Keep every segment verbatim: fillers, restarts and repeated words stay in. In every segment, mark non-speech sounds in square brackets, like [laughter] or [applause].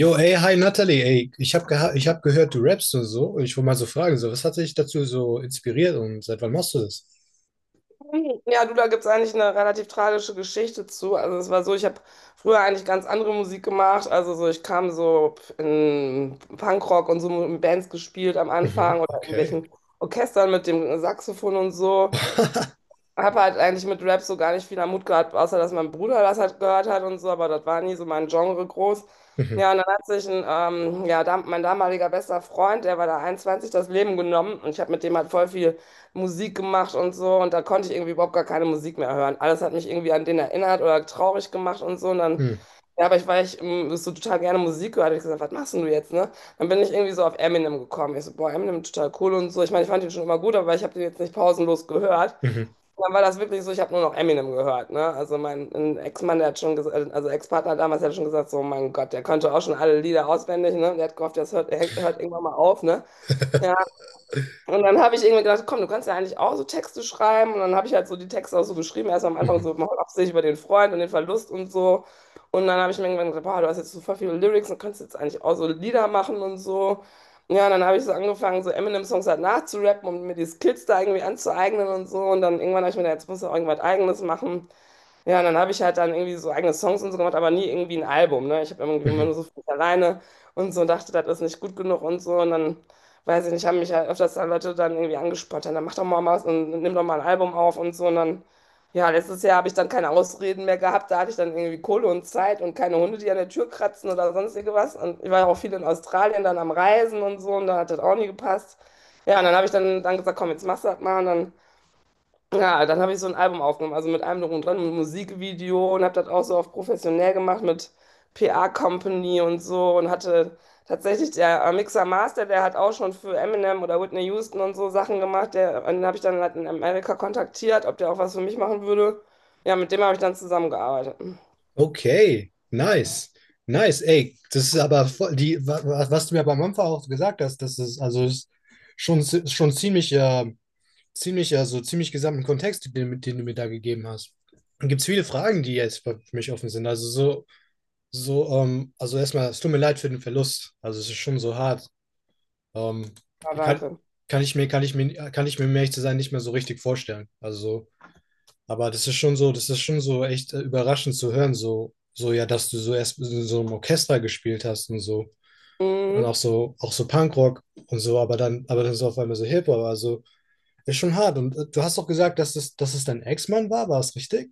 Jo, ey, hi Natalie, ey, ich habe geha ich hab gehört, du rappst und so. Ich wollte mal so fragen, so, was hat dich dazu so inspiriert und seit wann machst du das? [laughs] Ja, du, da gibt es eigentlich eine relativ tragische Geschichte zu. Also es war so, ich habe früher eigentlich ganz andere Musik gemacht. Also so, ich kam so in Punkrock und so in Bands gespielt am Anfang Mhm, oder in okay. irgendwelchen Orchestern mit dem Saxophon und so. [laughs] Habe halt eigentlich mit Rap so gar nicht viel am Hut gehabt, außer dass mein Bruder das halt gehört hat und so, aber das war nie so mein Genre groß. Mhm, Ja, und dann hat sich ein, ähm, ja, dam mein damaliger bester Freund, der war da einundzwanzig, das Leben genommen und ich habe mit dem halt voll viel Musik gemacht und so und da konnte ich irgendwie überhaupt gar keine Musik mehr hören. Alles hat mich irgendwie an den erinnert oder traurig gemacht und so und dann, mhm, ja, aber ich, war ich ähm, so total gerne Musik gehört, habe ich gesagt, was machst denn du jetzt, ne? Dann bin ich irgendwie so auf Eminem gekommen. Ich so, boah, Eminem total cool und so. Ich meine, ich fand ihn schon immer gut, aber ich habe den jetzt nicht pausenlos gehört. mhm, Und dann war das wirklich so, ich habe nur noch Eminem gehört, ne? Also mein ein Ex-Mann, der hat schon gesagt, also Ex-Partner damals, der hat schon gesagt, so mein Gott, der konnte auch schon alle Lieder auswendig, ne? Der hat gehofft, das hört, hört irgendwann mal auf, ne? Ja, [laughs] und dann habe ich irgendwie gedacht, komm, du kannst ja eigentlich auch so Texte schreiben. Und dann habe ich halt so die Texte auch so geschrieben. Erst am Anfang mhm, so mal hauptsächlich über den Freund und den Verlust und so. Und dann habe ich mir irgendwann gedacht, boah, du hast jetzt super viele Lyrics und kannst jetzt eigentlich auch so Lieder machen und so. Ja, und dann habe ich so angefangen, so Eminem-Songs halt nachzurappen und mir die Skills da irgendwie anzueignen und so. Und dann irgendwann habe ich mir gedacht, jetzt musst du auch irgendwas Eigenes machen. Ja, und dann habe ich halt dann irgendwie so eigene Songs und so gemacht, aber nie irgendwie ein Album, ne? Ich habe irgendwie immer nur mhm. so für mich alleine und so und dachte, das ist nicht gut genug und so. Und dann, weiß ich nicht, haben mich halt öfters dann Leute dann irgendwie angesprochen. Dann mach doch mal was und nimm doch mal ein Album auf und so. Und dann, ja, letztes Jahr habe ich dann keine Ausreden mehr gehabt, da hatte ich dann irgendwie Kohle und Zeit und keine Hunde, die an der Tür kratzen oder sonst irgendwas. Und ich war ja auch viel in Australien dann am Reisen und so und da hat das auch nie gepasst. Ja, und dann habe ich dann, dann gesagt, komm, jetzt machst du das mal und dann. Ja, dann habe ich so ein Album aufgenommen, also mit allem drum und dran, mit Musikvideo und habe das auch so auf professionell gemacht mit P A Company und so und hatte tatsächlich der äh, Mixer Master, der hat auch schon für Eminem oder Whitney Houston und so Sachen gemacht, der, den habe ich dann halt in Amerika kontaktiert, ob der auch was für mich machen würde. Ja, mit dem habe ich dann zusammengearbeitet. Okay, nice, nice, ey, das ist aber voll, die, wa- wa- was du mir beim Anfang auch gesagt hast, das ist, also ist schon, zi- schon ziemlich, äh, ziemlich, also ziemlich gesamten Kontext, den, den du mir da gegeben hast. Gibt es viele Fragen, die jetzt für mich offen sind, also so. So, ähm, also erstmal, es tut mir leid für den Verlust. Also es ist schon so hart. Ähm, Ja, ich kann, danke. kann ich mir, kann ich mir, kann ich mir, um ehrlich zu sein, nicht mehr so richtig vorstellen. Also so, aber das ist schon so, das ist schon so echt äh, überraschend zu hören, so, so ja, dass du so erst in so einem Orchester gespielt hast und so. Und auch Mhm. so, auch so Punkrock und so, aber dann, aber dann so auf einmal so Hip-Hop. Also ist schon hart. Und äh, du hast doch gesagt, dass es, dass es dein Ex-Mann war, war es richtig?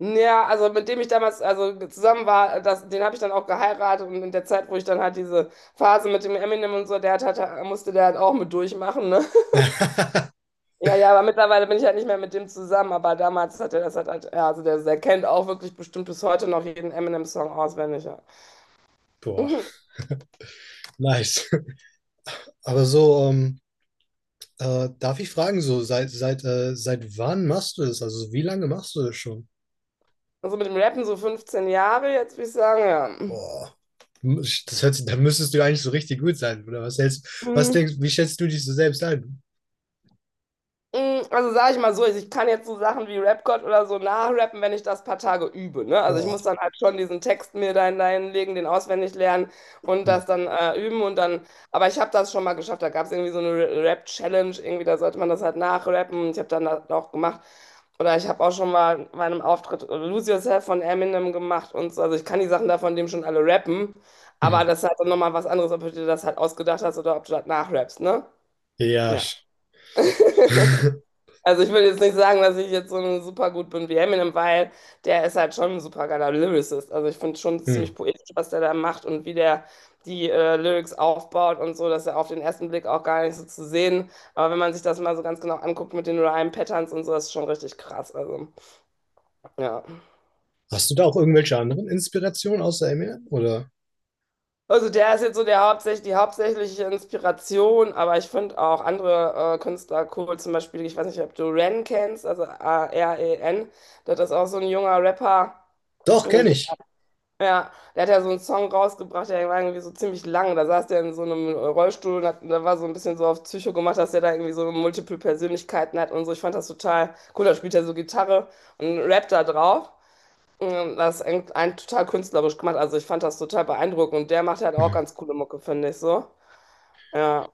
Ja, also mit dem ich damals also zusammen war, das, den habe ich dann auch geheiratet und in der Zeit, wo ich dann halt diese Phase mit dem Eminem und so, der hat, hat, musste der halt auch mit durchmachen, ne? [laughs] [laughs] Ja, ja, aber mittlerweile bin ich halt nicht mehr mit dem zusammen, aber damals hat er das halt, halt ja, also der, der kennt auch wirklich bestimmt bis heute noch jeden Eminem-Song auswendig, ja. Boah, Mhm. nice. Aber so, ähm, äh, darf ich fragen, so seit seit äh, seit wann machst du das? Also wie lange machst du das schon? Also mit dem Rappen so fünfzehn Jahre, jetzt würde ich sagen, ja. Boah, das hört sich, da müsstest du eigentlich so richtig gut sein, oder was hältst, was Mhm. denkst, wie schätzt du dich so selbst ein? Mm, also sage ich mal so, ich kann jetzt so Sachen wie Rap-God oder so nachrappen, wenn ich das paar Tage übe. Ne? Also ich muss Boah. dann halt schon diesen Text mir da hineinlegen, den auswendig lernen und das dann äh, üben und dann, aber ich habe das schon mal geschafft. Da gab es irgendwie so eine Ra- Rap-Challenge, irgendwie, da sollte man das halt nachrappen. Ich habe dann das auch gemacht. Oder ich habe auch schon mal bei einem Auftritt Lose Yourself von Eminem gemacht und so. Also ich kann die Sachen da von dem schon alle rappen, aber Mhm. das ist halt dann nochmal was anderes, ob du dir das halt ausgedacht hast oder ob du das nachrappst, ne? Ja. Ja. sch- [laughs] [laughs] Also ich will jetzt nicht sagen, dass ich jetzt so super gut bin wie Eminem, weil der ist halt schon ein super geiler Lyricist. Also ich finde schon Hm. ziemlich poetisch, was der da macht und wie der die äh, Lyrics aufbaut und so, dass er auf den ersten Blick auch gar nicht so zu sehen. Aber wenn man sich das mal so ganz genau anguckt mit den Rhyme-Patterns und so, das ist schon richtig krass. Also ja. Hast du da auch irgendwelche anderen Inspirationen außer Eminem, oder? Also der ist jetzt so der hauptsächlich, die hauptsächliche Inspiration, aber ich finde auch andere äh, Künstler cool, zum Beispiel, ich weiß nicht, ob du Ren kennst, also A-R-E-N, das ist auch so ein junger Rapper. Doch, ähm, kenne ich. Ja, der hat ja so einen Song rausgebracht, der war irgendwie so ziemlich lang. Da saß der in so einem Rollstuhl und hat, da war so ein bisschen so auf Psycho gemacht, dass der da irgendwie so multiple Persönlichkeiten hat und so. Ich fand das total cool. Da spielt er so Gitarre und rappt da drauf. Und das ist ein, ein total künstlerisch gemacht. Also ich fand das total beeindruckend. Und der macht halt auch Mhm. ganz coole Mucke, finde ich so. Ja,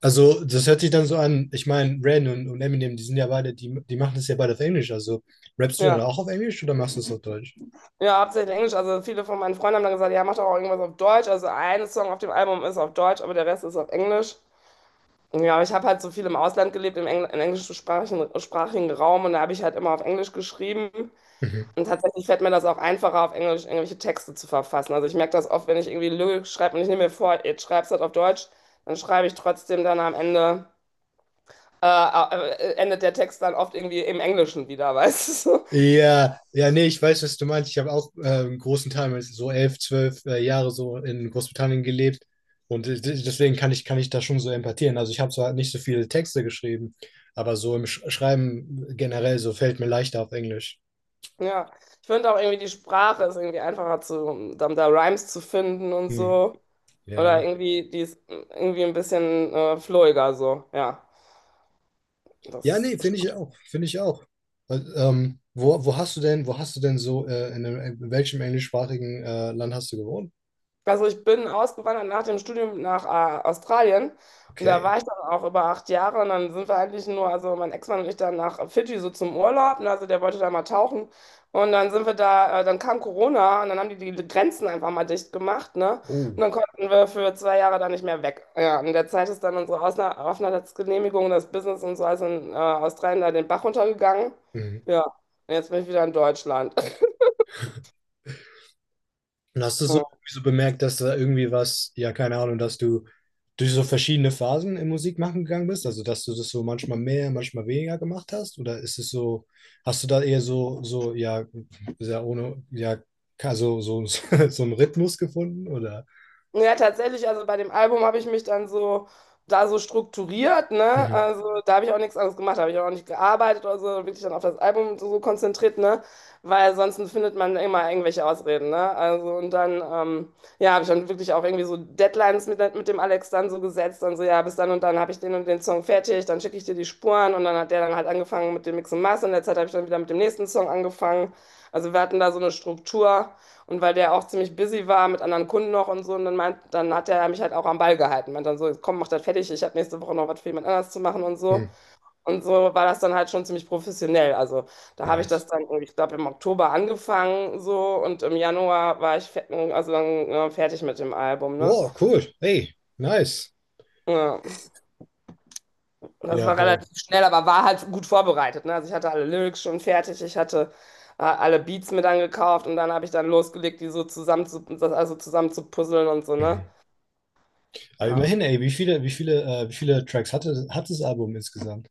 Also, das hört sich dann so an. Ich meine, Ren und, und Eminem, die sind ja beide, die, die machen das ja beide auf Englisch. Also, rappst du dann ja. auch auf Englisch oder machst du es auf Deutsch? Ja, hauptsächlich Englisch. Also viele von meinen Freunden haben dann gesagt, ja, mach doch auch irgendwas auf Deutsch. Also ein Song auf dem Album ist auf Deutsch, aber der Rest ist auf Englisch. Ja, aber ich habe halt so viel im Ausland gelebt, im, Engl im englischsprachigen sprachigen Raum und da habe ich halt immer auf Englisch geschrieben. Mhm. Und tatsächlich fällt mir das auch einfacher, auf Englisch irgendwelche Texte zu verfassen. Also ich merke das oft, wenn ich irgendwie Lyrik schreibe und ich nehme mir vor, jetzt schreibst du das auf Deutsch, dann schreibe ich trotzdem dann am Ende, äh, äh, äh, endet der Text dann oft irgendwie im Englischen wieder, weißt du? [laughs] Ja, ja, nee, ich weiß, was du meinst. Ich habe auch äh, einen großen Teil, meines- so elf, zwölf äh, Jahre so in Großbritannien gelebt. Und äh, de- deswegen kann ich, kann ich da schon so empathieren. Also, ich habe zwar nicht so viele Texte geschrieben, aber so im Sch Schreiben generell so fällt mir leichter auf Englisch. Ja, ich finde auch irgendwie die Sprache ist irgendwie einfacher zu, da, da Rhymes zu finden und Hm. so. Oder Ja. irgendwie, die ist irgendwie ein bisschen äh, flowiger so, ja. Ja, Das. nee, finde ich auch, finde ich auch. Weil, Ähm, wo, wo hast du denn, wo hast du denn so, äh, in, einem, in welchem englischsprachigen äh, Land hast du gewohnt? Also ich bin ausgewandert nach dem Studium nach äh, Australien und da Okay. war ich dann auch über acht Jahre und dann sind wir eigentlich nur, also mein Ex-Mann und ich dann nach Fidschi so zum Urlaub, ne, also der wollte da mal tauchen und dann sind wir da, äh, dann kam Corona und dann haben die die Grenzen einfach mal dicht gemacht, ne, und Oh. dann konnten wir für zwei Jahre da nicht mehr weg. Ja, in der Zeit ist dann unsere Ausna Aufenthaltsgenehmigung, das Business und so, also in äh, Australien da den Bach runtergegangen. Mhm. Ja, und jetzt bin ich wieder in Deutschland. Und hast du so, [laughs] so bemerkt, dass da irgendwie was, ja, keine Ahnung, dass du durch so verschiedene Phasen im Musikmachen gegangen bist? Also, dass du das so manchmal mehr, manchmal weniger gemacht hast? Oder ist es so, hast du da eher so, so, ja, sehr ohne, ja, ka- so, so, [laughs] so einen Rhythmus gefunden? Oder? Ja, tatsächlich, also bei dem Album habe ich mich dann so da so strukturiert, ne? Mhm. Also da habe ich auch nichts anderes gemacht, da habe ich auch nicht gearbeitet oder so, wirklich dann auf das Album so so konzentriert, ne? Weil sonst findet man immer irgendwelche Ausreden, ne? Also und dann, ähm, ja, habe ich dann wirklich auch irgendwie so Deadlines mit, mit dem Alex dann so gesetzt, dann so, ja, bis dann und dann habe ich den und den Song fertig, dann schicke ich dir die Spuren und dann hat der dann halt angefangen mit dem Mix und Master und in der Zeit habe ich dann wieder mit dem nächsten Song angefangen. Also wir hatten da so eine Struktur. Und weil der auch ziemlich busy war mit anderen Kunden noch und so, und dann meint, dann hat er mich halt auch am Ball gehalten. Meint dann so, komm, mach das fertig, ich habe nächste Woche noch was für jemand anders zu machen und so. Mhm. Und so war das dann halt schon ziemlich professionell. Also da habe ich Nice. das dann, ich glaube, im Oktober angefangen so und im Januar war ich fe- also dann, ja, fertig mit dem Album, ne? Wow, cool. Hey, nice. Ja. Und das Ja, war boah. relativ schnell, aber war halt gut vorbereitet, ne? Also ich hatte alle Lyrics schon fertig, ich hatte äh, alle Beats mir dann gekauft und dann habe ich dann losgelegt, die so zusammen zu, das also zusammen zu puzzeln und so, ne? Mhm. Aber Ja. immerhin, ey, wie viele, wie viele, äh, wie viele Tracks hatte, hat das Album insgesamt?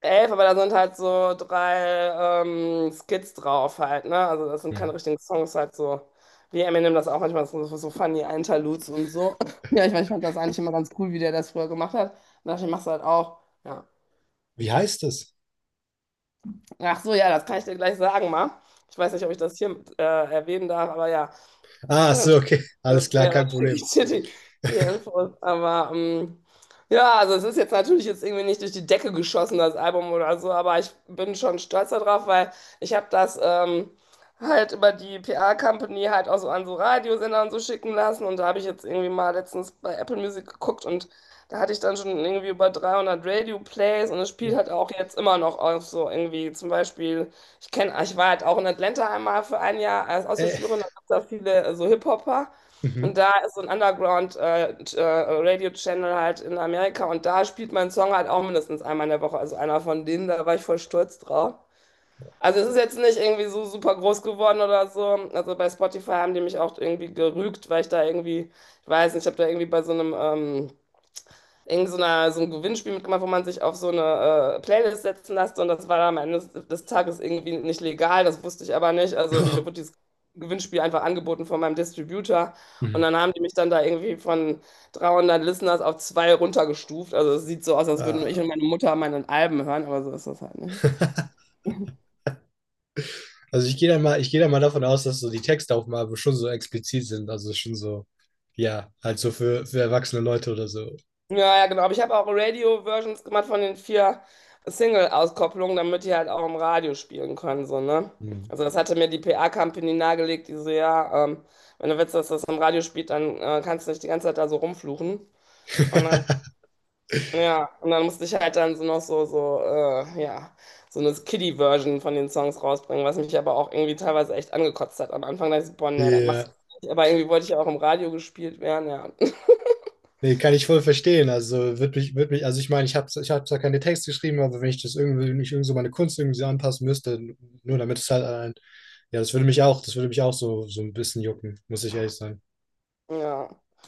Elf, aber da sind halt so drei ähm, Skits drauf halt, ne? Also das sind Mhm. keine richtigen Songs, halt so wie Eminem das auch manchmal so, so so funny Interludes und so. [clears throat] [laughs] Ja, ich, mein, ich fand das eigentlich immer ganz cool, wie der das früher gemacht hat. Und dachte, ich mach's halt auch. Ja. Wie heißt es? Ach so, ja, das kann ich dir gleich sagen, mal. Ich weiß nicht, ob ich das hier äh, erwähnen darf, aber ja, Ah, so, ganz, okay. äh, Alles klar, ja, dann kein schicke Problem. ich dir die, die Infos. Aber ähm, ja, also es ist jetzt natürlich jetzt irgendwie nicht durch die Decke geschossen, das Album oder so, aber ich bin schon stolz darauf, weil ich habe das ähm, halt über die P R-Company halt auch so an so Radiosender und so schicken lassen. Und da habe ich jetzt irgendwie mal letztens bei Apple Music geguckt und da hatte ich dann schon irgendwie über dreihundert Radio-Plays und es spielt halt Boah. auch jetzt immer noch auf so irgendwie zum Beispiel. Ich kenne, ich war halt auch in Atlanta einmal für ein Jahr als Äh. Austauschschülerin, da gab es da viele äh, so Hip-Hopper. Und Mhm. da ist so ein Underground-Radio-Channel halt in Amerika und da spielt mein Song halt auch mindestens einmal in der Woche. Also einer von denen, da war ich voll stolz drauf. Also es ist jetzt nicht irgendwie so super groß geworden oder so. Also bei Spotify haben die mich auch irgendwie gerügt, weil ich da irgendwie, ich weiß nicht, ich habe da irgendwie bei so einem ähm, irgend so, einer, so ein Gewinnspiel mitgemacht, wo man sich auf so eine äh, Playlist setzen lässt und das war dann am Ende des, des Tages irgendwie nicht legal, das wusste ich aber nicht. Also mir wurde [laughs] dieses Gewinnspiel einfach angeboten von meinem Distributor und Mhm. dann haben die mich dann da irgendwie von dreihundert Listeners auf zwei runtergestuft. Also es sieht so aus, als würden nur ich und Ah. meine Mutter meine Alben hören, aber so ist das halt nicht. Also ich gehe da mal, ich gehe da mal davon aus, dass so die Texte auf dem Album schon so explizit sind, also schon so, ja, halt so für, für erwachsene Leute oder so. Ja, ja, genau. Aber ich habe auch Radio-Versions gemacht von den vier Single-Auskopplungen, damit die halt auch im Radio spielen können, so, ne? Mhm. Also das hatte mir die P R-Company nahegelegt, die so, ja, ähm, wenn du willst, dass das im Radio spielt, dann äh, kannst du nicht die ganze Zeit da so rumfluchen. Und dann, [laughs] ja, und dann musste ich halt dann so noch so, so, äh, ja, so eine Kiddie-Version von den Songs rausbringen, was mich aber auch irgendwie teilweise echt angekotzt hat. Am Anfang da dachte ich, so, boah, nee, das machst Ja. du nicht. Aber irgendwie wollte ich ja auch im Radio gespielt werden, ja. [laughs] Nee, kann ich voll verstehen. Also wird mich, wird mich, also ich meine, ich habe ich hab zwar keine Texte geschrieben, aber wenn ich das irgendwie, wenn ich irgendwie so meine Kunst irgendwie so anpassen müsste, nur damit es halt ein, ja, das würde mich auch, das würde mich auch so, so ein bisschen jucken, muss ich ehrlich sagen. Ja.